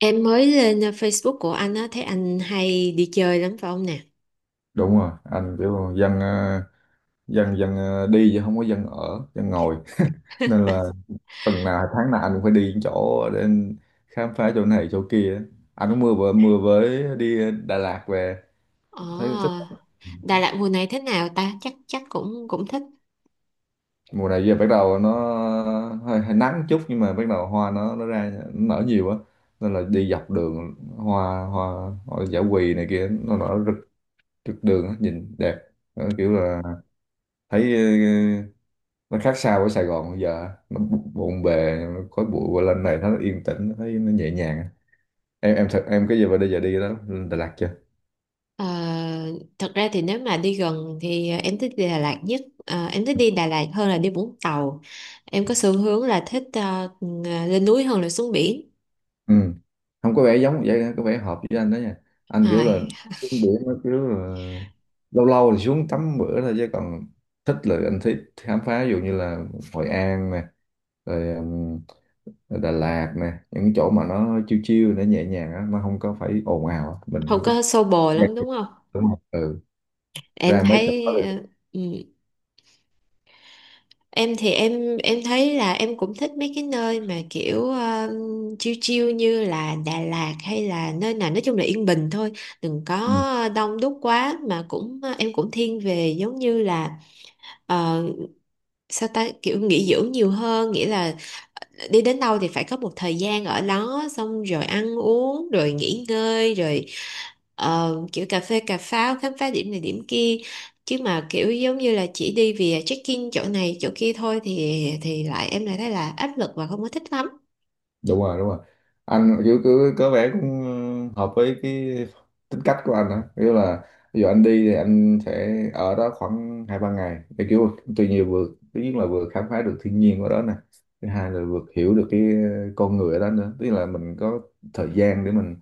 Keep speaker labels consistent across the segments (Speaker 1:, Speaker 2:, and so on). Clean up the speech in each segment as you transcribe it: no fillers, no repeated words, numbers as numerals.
Speaker 1: Em mới lên Facebook của anh á, thấy anh hay đi chơi lắm phải không nè?
Speaker 2: Đúng rồi, anh kiểu dân ờ, dân dân ờ, đi chứ không có dân ở dân ngồi. Nên là tuần nào tháng nào anh cũng phải đi những chỗ để khám phá chỗ này chỗ kia. Anh cũng mưa vừa mưa với đi Đà Lạt về, thấy thích.
Speaker 1: Ồ, Đà Lạt mùa này thế nào ta? Chắc chắc cũng cũng thích.
Speaker 2: Mùa này giờ bắt đầu nó hơi nắng chút, nhưng mà bắt đầu hoa nó ra, nó nở nhiều á, nên là đi dọc đường hoa hoa, hoa dã quỳ này kia nó nở rực rực đường á, nhìn đẹp. Nó kiểu là thấy nó khác xa với Sài Gòn. Bây giờ nó bộn bề, nó khói bụi, qua lên này nó yên tĩnh, nó thấy nó nhẹ nhàng. Em thật em cái giờ bây giờ đi đó lên Đà Lạt chưa.
Speaker 1: Ờ, thật ra thì nếu mà đi gần thì em thích đi Đà Lạt nhất. Ờ, em thích đi Đà Lạt hơn là đi Vũng Tàu. Em có xu hướng là thích ờ, lên núi hơn là xuống biển.
Speaker 2: Ừ. Không, có vẻ giống vậy, có vẻ hợp với anh đó nha. Anh kiểu là
Speaker 1: Rồi,
Speaker 2: xuống biển nó kiểu là lâu lâu thì xuống tắm bữa thôi, chứ còn thích là anh thích khám phá, ví dụ như là Hội An nè, rồi, rồi Đà Lạt nè, những cái chỗ mà nó chill chill, nó nhẹ nhàng á, nó không có phải ồn ào á.
Speaker 1: không
Speaker 2: Mình thích.
Speaker 1: có xô bồ
Speaker 2: Dạ,
Speaker 1: lắm đúng không?
Speaker 2: đúng không? Ừ,
Speaker 1: Em
Speaker 2: ra mấy chỗ đó
Speaker 1: thấy ờ, ừ. Em thì em thấy là em cũng thích mấy cái nơi mà kiểu chill chill như là Đà Lạt hay là nơi nào nói chung là yên bình thôi, đừng
Speaker 2: được.
Speaker 1: có đông đúc quá mà cũng ờ, em cũng thiên về giống như là ờ, sao ta kiểu nghỉ dưỡng nhiều hơn, nghĩa là ờ, đi đến đâu thì phải có một thời gian ở đó xong rồi ăn uống rồi nghỉ ngơi rồi. Ờ, kiểu cà phê cà pháo khám phá điểm này điểm kia, chứ mà kiểu giống như là chỉ đi vì check-in chỗ này chỗ kia thôi thì lại em lại thấy là áp lực và không có thích lắm.
Speaker 2: Đúng rồi, đúng rồi, anh kiểu cứ có vẻ cũng hợp với cái tính cách của anh á, kiểu là ví dụ anh đi thì anh sẽ ở đó khoảng hai ba ngày để kiểu tuy nhiên vừa, thứ nhất là vừa khám phá được thiên nhiên ở đó nè, thứ hai là vừa hiểu được cái con người ở đó nữa, tức là mình có thời gian để mình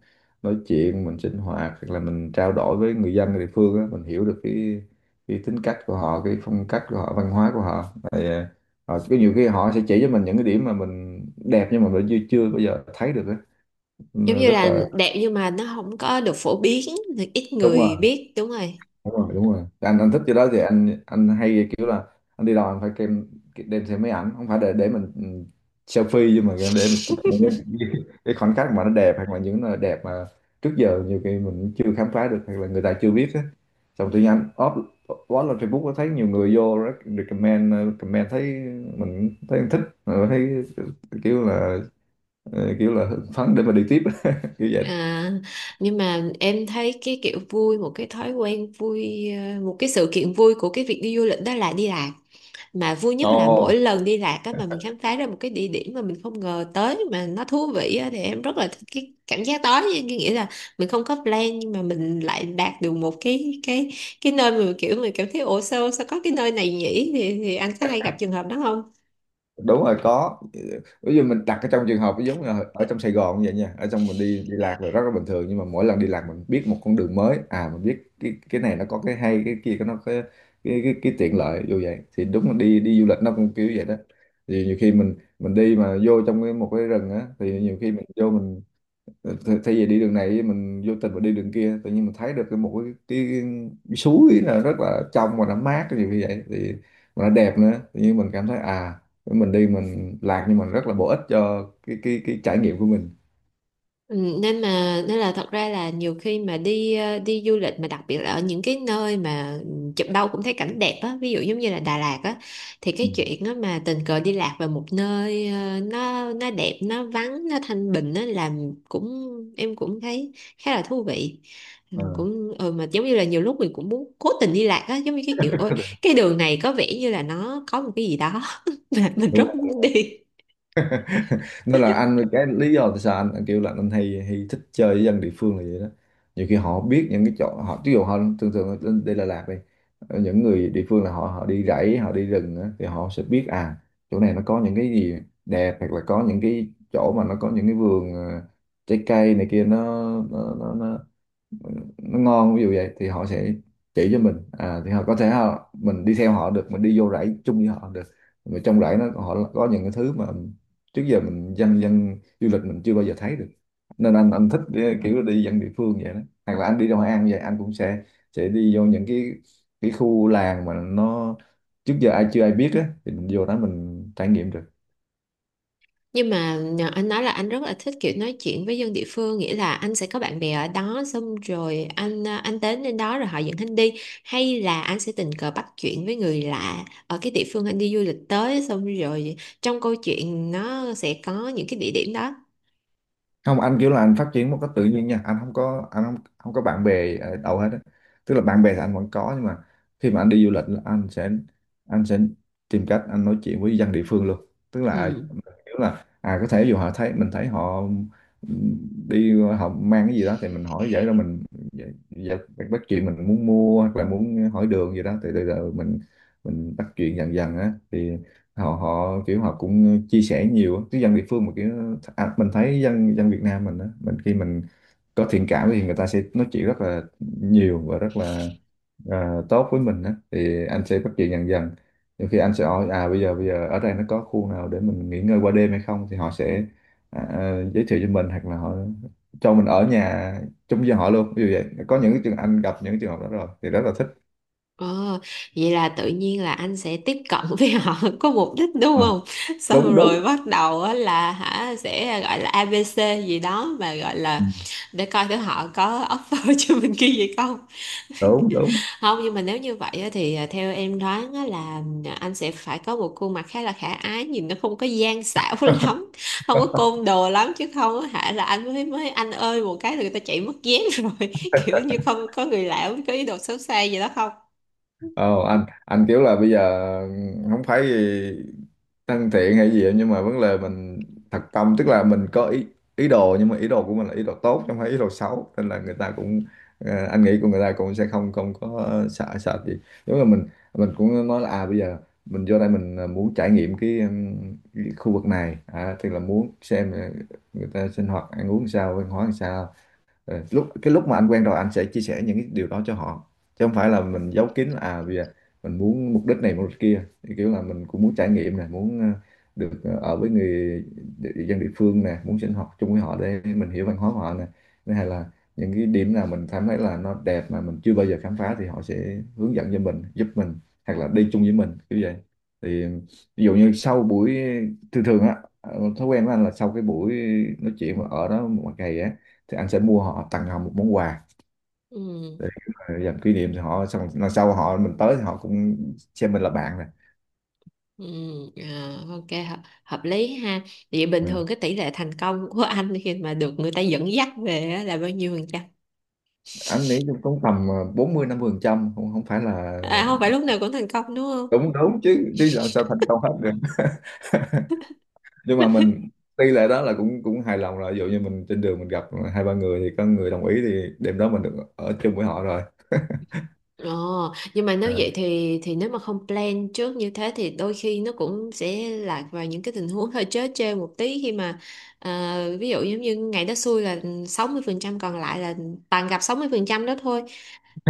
Speaker 2: nói chuyện, mình sinh hoạt, hoặc là mình trao đổi với người dân ở địa phương á, mình hiểu được cái tính cách của họ, cái phong cách của họ, văn hóa của họ. Ờ, cái nhiều khi họ sẽ chỉ cho mình những cái điểm mà mình đẹp nhưng mà mình chưa chưa bao giờ thấy được ấy.
Speaker 1: Giống
Speaker 2: Nên
Speaker 1: như
Speaker 2: rất
Speaker 1: là
Speaker 2: là
Speaker 1: đẹp nhưng mà nó không có được phổ biến thì ít
Speaker 2: đúng
Speaker 1: người
Speaker 2: rồi,
Speaker 1: biết, đúng rồi.
Speaker 2: đúng rồi, đúng rồi. Anh thích cái đó thì anh hay kiểu là anh đi đâu anh phải đem đem theo máy ảnh, không phải để mình selfie, nhưng mà để mình chụp những cái, cái khoảnh khắc mà nó đẹp, hoặc là những nơi đẹp mà trước giờ nhiều khi mình chưa khám phá được, hoặc là người ta chưa biết á. Xong tự nhiên anh up post lên Facebook, có thấy nhiều người vô recommend, comment, thấy mình thấy anh thích. Ờ, thấy kiểu là, ờ, kiểu là hưng phấn để mà đi tiếp kiểu vậy.
Speaker 1: À, nhưng mà em thấy cái kiểu vui một cái thói quen vui ờ, một cái sự kiện vui của cái việc đi du lịch đó là đi làm mà vui nhất là mỗi
Speaker 2: Ồ,
Speaker 1: lần đi lạc á mà mình khám phá ra một cái địa điểm mà mình không ngờ tới mà nó thú vị á, thì em rất là thích cái cảm giác đó, cái nghĩa là mình không có plan nhưng mà mình lại đạt được một cái cái nơi mà kiểu mình cảm thấy ủa sao sao có cái nơi này nhỉ, thì anh có hay gặp trường hợp đó không?
Speaker 2: đúng rồi, có. Ví dụ mình đặt ở trong trường hợp giống như là ở trong Sài Gòn như vậy nha, ở trong mình đi đi lạc là rất là bình thường, nhưng mà mỗi lần đi lạc mình biết một con đường mới, à mình biết cái này nó có cái hay, cái kia nó có cái tiện lợi vô vậy. Thì đúng là đi đi du lịch nó cũng kiểu vậy đó. Thì nhiều khi mình đi mà vô trong cái một cái rừng á, thì nhiều khi mình vô mình, ờ, thay vì đi đường này mình vô tình mình đi đường kia, tự nhiên mình thấy được cái một cái suối là rất là trong và nó mát cái gì như vậy, thì mà nó đẹp nữa, tự nhiên mình cảm thấy à mình đi mình lạc nhưng mà rất là bổ ích cho cái trải nghiệm của mình.
Speaker 1: Ừ, nên là thật ra là nhiều khi mà đi ờ, đi du lịch mà đặc biệt là ở những cái nơi mà ừ, chụp đâu cũng thấy cảnh đẹp á, ví dụ giống như là Đà Lạt á, thì
Speaker 2: Ừ.
Speaker 1: cái chuyện á mà tình cờ đi lạc vào một nơi ờ, nó đẹp nó vắng nó thanh bình á, làm cũng em cũng thấy khá là thú vị. Ừ,
Speaker 2: Ờ.
Speaker 1: cũng ừ, mà giống như là nhiều lúc mình cũng muốn cố tình đi lạc á, giống như cái kiểu ôi cái đường này có vẻ như là nó có một cái gì đó mà mình
Speaker 2: Đúng
Speaker 1: rất muốn
Speaker 2: rồi.
Speaker 1: đi.
Speaker 2: Nên là anh cái lý do tại sao anh kêu là anh hay hay thích chơi với dân địa phương là vậy đó. Nhiều khi họ biết những cái chỗ họ ví dụ họ thường thường ở đây là Đà Lạt đi, những người địa phương là họ họ đi rẫy, họ đi rừng á, thì họ sẽ biết à chỗ này nó có những cái gì đẹp, hoặc là có những cái chỗ mà nó có những cái vườn trái cây này kia, nó nó ngon ví dụ vậy, thì họ sẽ chỉ cho mình à, thì họ có thể họ mình đi theo họ được, mình đi vô rẫy chung với họ được, mà trong rẫy nó họ có những cái thứ mà trước giờ mình dân dân du lịch mình chưa bao giờ thấy được. Nên anh thích kiểu đi dân địa phương vậy đó. Hoặc là anh đi ra Hội An vậy anh cũng sẽ đi vô những cái khu làng mà nó trước giờ ai chưa ai biết á, thì mình vô đó mình trải nghiệm được.
Speaker 1: Nhưng mà nhờ anh nói là anh rất là thích kiểu nói chuyện với dân địa phương, nghĩa là anh sẽ có bạn bè ở đó xong rồi anh đến đến đó rồi họ dẫn anh đi, hay là anh sẽ tình cờ bắt chuyện với người lạ ở cái địa phương anh đi du lịch tới xong rồi trong câu chuyện nó sẽ có những cái địa điểm đó.
Speaker 2: Không, anh kiểu là anh phát triển một cách tự nhiên nha, anh không có anh không không có bạn bè ở đâu hết á, tức là bạn bè thì anh vẫn có, nhưng mà khi mà anh đi du lịch là anh sẽ tìm cách anh nói chuyện với dân địa phương luôn, tức là
Speaker 1: Ừ.
Speaker 2: kiểu là à có thể dù họ thấy mình thấy họ ừm, đi họ mang cái gì đó thì mình hỏi vậy rồi mình giải- giải- bắt chuyện, mình muốn mua hoặc là muốn hỏi đường gì đó, thì từ từ mình bắt chuyện dần dần á, thì họ họ kiểu họ cũng chia sẻ nhiều á. Chứ dân địa phương mà kiểu à, mình thấy dân dân Việt Nam mình á, mình khi mình có thiện cảm thì người ta sẽ nói chuyện rất là nhiều và rất là à, tốt với mình á, thì anh sẽ bắt chuyện dần dần. Nhiều khi anh sẽ hỏi à bây giờ ở đây nó có khu nào để mình nghỉ ngơi qua đêm hay không, thì họ sẽ giới thiệu cho mình, hoặc là họ cho mình ở nhà chung với họ luôn, ví dụ vậy. Có những trường anh gặp những trường hợp đó rồi thì rất là thích.
Speaker 1: Ờ, vậy là tự nhiên là anh sẽ tiếp cận với họ có mục đích đúng
Speaker 2: À.
Speaker 1: không? Xong
Speaker 2: đúng
Speaker 1: rồi
Speaker 2: đúng
Speaker 1: bắt đầu á là hả sẽ gọi là A ABC gì đó mà gọi
Speaker 2: Ừ.
Speaker 1: là để coi thử họ có offer cho mình cái gì không.
Speaker 2: đúng đúng
Speaker 1: Không, nhưng mà nếu như vậy á thì à, theo em đoán á là à, anh sẽ phải có một khuôn mặt khá là khả ái nhìn nó không có gian xảo lắm, không có côn đồ lắm chứ không á hả là anh mới mới anh ơi một cái là người ta chạy mất dép rồi. Kiểu như không có người lạ có ý đồ xấu xa gì đó không?
Speaker 2: Ờ, anh kiểu là bây giờ không phải gì thân thiện hay gì, nhưng mà vấn đề mình thật tâm, tức là mình có ý ý đồ, nhưng mà ý đồ của mình là ý đồ tốt chứ không phải ý đồ xấu, nên là người ta cũng, ờ, anh nghĩ của người ta cũng sẽ không không có sợ sợ gì. Giống như mình cũng nói là à bây giờ mình vô đây mình muốn trải nghiệm cái khu vực này, à tức là muốn xem người ta sinh hoạt ăn uống sao, văn hóa làm sao. Ờ, lúc mà anh quen rồi anh sẽ chia sẻ những cái điều đó cho họ, chứ không phải là mình giấu kín là, à vì mình muốn mục đích này mục đích kia, thì kiểu là mình cũng muốn trải nghiệm nè, muốn được ở với người dân địa phương nè, muốn sinh hoạt chung với họ để mình hiểu văn hóa của họ nè, thứ hai là những cái điểm nào mình cảm thấy là nó đẹp mà mình chưa bao giờ khám phá thì họ sẽ hướng dẫn cho mình, giúp mình hoặc là đi chung với mình kiểu vậy. Thì ví dụ như sau buổi, thường thường á thói quen của anh là sau cái buổi nói chuyện mà ở đó một ngày á thì anh sẽ mua họ tặng họ một món quà
Speaker 1: Ừ.
Speaker 2: để làm kỷ niệm, thì họ xong lần sau họ mình tới thì họ cũng xem mình là bạn này.
Speaker 1: Ừ, à, ok hợp lý ha, vậy bình
Speaker 2: Ừ.
Speaker 1: thường cái tỷ lệ thành công của anh khi mà được người ta dẫn dắt về á là bao nhiêu phần trăm?
Speaker 2: Anh nghĩ cũng tầm bốn mươi năm mươi phần trăm, không không phải là
Speaker 1: À không phải lúc nào cũng thành công đúng không?
Speaker 2: đúng đúng chứ chứ sao sao thành công hết được. Nhưng mà mình tỷ lệ đó là cũng cũng hài lòng rồi, ví dụ như mình trên đường mình gặp hai ba người thì có người đồng ý thì đêm đó mình được ở chung với họ rồi.
Speaker 1: Ồ, nhưng mà nếu vậy
Speaker 2: À.
Speaker 1: thì nếu mà không plan trước như thế thì đôi khi nó cũng sẽ lạc vào những cái tình huống hơi trớ trêu một tí khi mà à, ví dụ giống như ngày đó xui là 60% còn lại là toàn gặp 60% đó thôi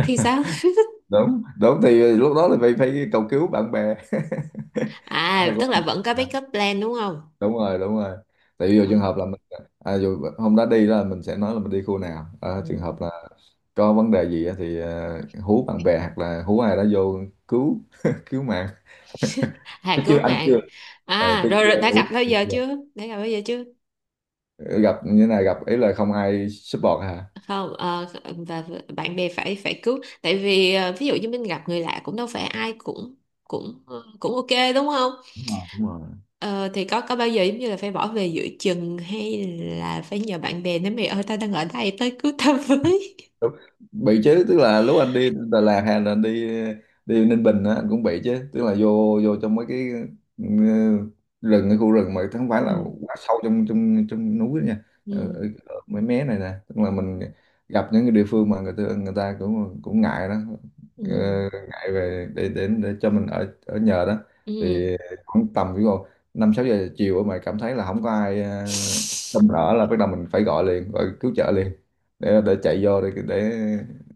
Speaker 1: thì sao?
Speaker 2: đúng đúng thì lúc đó là phải phải cầu cứu bạn bè. Hay
Speaker 1: À, tức là
Speaker 2: quá.
Speaker 1: vẫn có backup plan đúng không?
Speaker 2: Đúng rồi, đúng rồi, tại vì dù
Speaker 1: Ờ.
Speaker 2: trường hợp là mình à, dù hôm đó đi là mình sẽ nói là mình đi khu nào, à trường
Speaker 1: Ừ.
Speaker 2: hợp là có vấn đề gì á thì à, hú bạn bè hoặc là hú ai đó vô cứu cứu mạng. Chứ
Speaker 1: À cứu
Speaker 2: chưa, anh chưa,
Speaker 1: mạng.
Speaker 2: à,
Speaker 1: À
Speaker 2: chứ
Speaker 1: rồi,
Speaker 2: chưa
Speaker 1: rồi đã gặp
Speaker 2: hú.
Speaker 1: bao giờ chưa? Đã gặp bao giờ chưa?
Speaker 2: Gặp như thế này gặp ý là không ai support hả.
Speaker 1: Không ờ, và bạn bè phải phải cứu tại vì ờ, ví dụ như mình gặp người lạ cũng đâu phải ai cũng cũng ờ, cũng ok đúng không?
Speaker 2: Đúng rồi, đúng rồi.
Speaker 1: Ờ, thì có bao giờ giống như là phải bỏ về giữa chừng hay là phải nhờ bạn bè nói mày ơi tao đang ở đây tới cứu tao với.
Speaker 2: Đúng. Bị chứ, tức là lúc anh đi Đà Lạt hay là anh đi đi Ninh Bình á anh cũng bị chứ, tức là vô vô trong mấy cái ừ, rừng, cái khu rừng mà không phải là
Speaker 1: Ừ.
Speaker 2: quá sâu trong trong trong núi nha,
Speaker 1: Ừ.
Speaker 2: ở ở mấy mé này nè, tức là mình gặp những cái địa phương mà người ta cũng cũng ngại đó. Ờ,
Speaker 1: Ừ.
Speaker 2: ngại về để cho mình ở ở nhờ đó,
Speaker 1: Ừ.
Speaker 2: thì khoảng tầm ví dụ năm sáu giờ chiều mà cảm thấy là không có ai chăm đỡ là bắt đầu mình phải gọi liền, gọi cứu trợ liền để chạy vô rồi để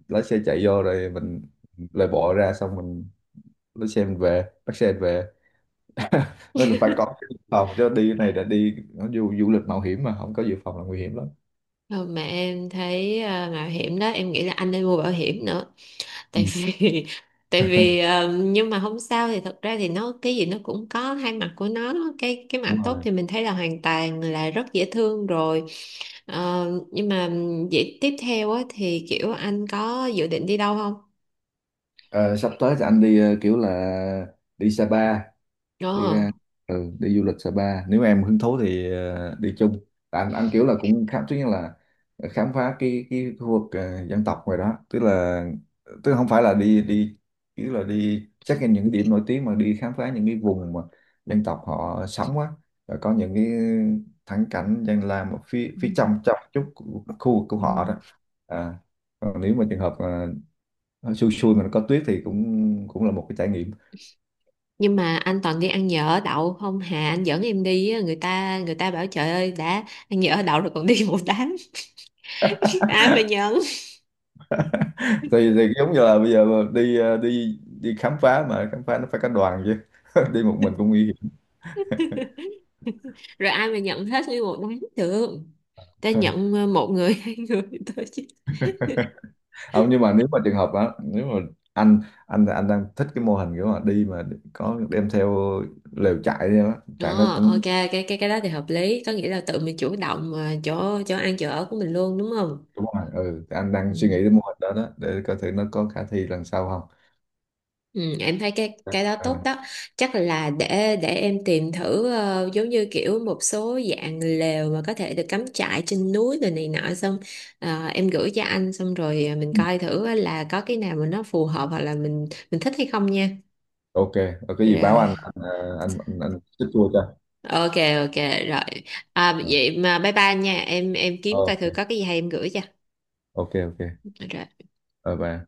Speaker 2: lái xe chạy vô rồi mình lại bỏ ra, xong mình lái xe mình về, bắt xe mình về. Nên là phải có cái dự phòng chứ đi cái này là đi nó du du lịch mạo hiểm mà không có dự phòng là nguy hiểm lắm.
Speaker 1: Thôi mà em thấy à, mạo hiểm đó em nghĩ là anh nên mua bảo hiểm nữa
Speaker 2: Ừ.
Speaker 1: tại vì tại vì ờ, nhưng mà không sao thì thật ra thì nó cái gì nó cũng có hai mặt của nó, cái mặt
Speaker 2: Đúng
Speaker 1: tốt
Speaker 2: rồi.
Speaker 1: thì mình thấy là hoàn toàn là rất dễ thương rồi. Ờ, nhưng mà vậy tiếp theo á, thì kiểu anh có dự định đi đâu không?
Speaker 2: Ờ, sắp tới thì anh đi kiểu là đi Sapa,
Speaker 1: Ờ.
Speaker 2: đi ra, ừ, đi du lịch Sapa, nếu em hứng thú thì đi chung. Tại anh kiểu là cũng khám, thứ nhất là khám phá cái khu vực dân tộc ngoài đó, tức là không phải là đi đi kiểu là đi check in những điểm nổi tiếng mà đi khám phá những cái vùng mà dân tộc họ sống á, rồi có những cái thắng cảnh dân làm ở phía
Speaker 1: Ừ.
Speaker 2: phía trong trong chút khu vực của
Speaker 1: Ừ.
Speaker 2: họ đó. À, còn nếu mà trường hợp ờ, xui xui mà nó có tuyết thì cũng cũng là một cái trải nghiệm.
Speaker 1: Nhưng mà anh toàn đi ăn nhỡ ở đậu không hà anh dẫn em đi á, người ta bảo trời ơi đã ăn nhỡ ở đậu rồi còn đi một đám ai mà nhận.
Speaker 2: Thì giống như là bây giờ đi đi đi khám phá mà khám phá nó phải cả đoàn chứ, đi một mình cũng nguy hiểm.
Speaker 1: Rồi ai mà nhận hết nguyên một đám được, ta nhận ờ, một người hai người thôi chứ.
Speaker 2: Không, nhưng mà nếu mà trường hợp đó, nếu mà anh anh đang thích cái mô hình kiểu mà đi mà có đem theo lều trại đi đó, trại nó
Speaker 1: Đó,
Speaker 2: cũng.
Speaker 1: ok cái đó thì hợp lý, có nghĩa là tự mình chủ động ờ, chỗ chỗ ăn chỗ ở của mình luôn đúng không?
Speaker 2: Ừ, đúng rồi, ừ thì anh đang suy nghĩ
Speaker 1: Ừ.
Speaker 2: đến mô hình đó đó để coi thử nó có khả thi lần sau không.
Speaker 1: Ừ, em thấy cái đó
Speaker 2: À,
Speaker 1: tốt đó, chắc là để em tìm thử ờ, giống như kiểu một số dạng lều mà có thể được cắm trại trên núi rồi này nọ xong ờ, em gửi cho anh xong rồi ờ, mình
Speaker 2: ừ,
Speaker 1: coi thử là có cái nào mà nó phù hợp hoặc là mình thích hay không nha.
Speaker 2: ok rồi, cái gì báo
Speaker 1: Rồi
Speaker 2: anh chích cho.
Speaker 1: ok ok rồi à,
Speaker 2: Ờ,
Speaker 1: vậy mà bye bye nha em kiếm coi thử có
Speaker 2: ok,
Speaker 1: cái gì hay em gửi cho.
Speaker 2: ok, ok,
Speaker 1: Rồi.
Speaker 2: bye bye.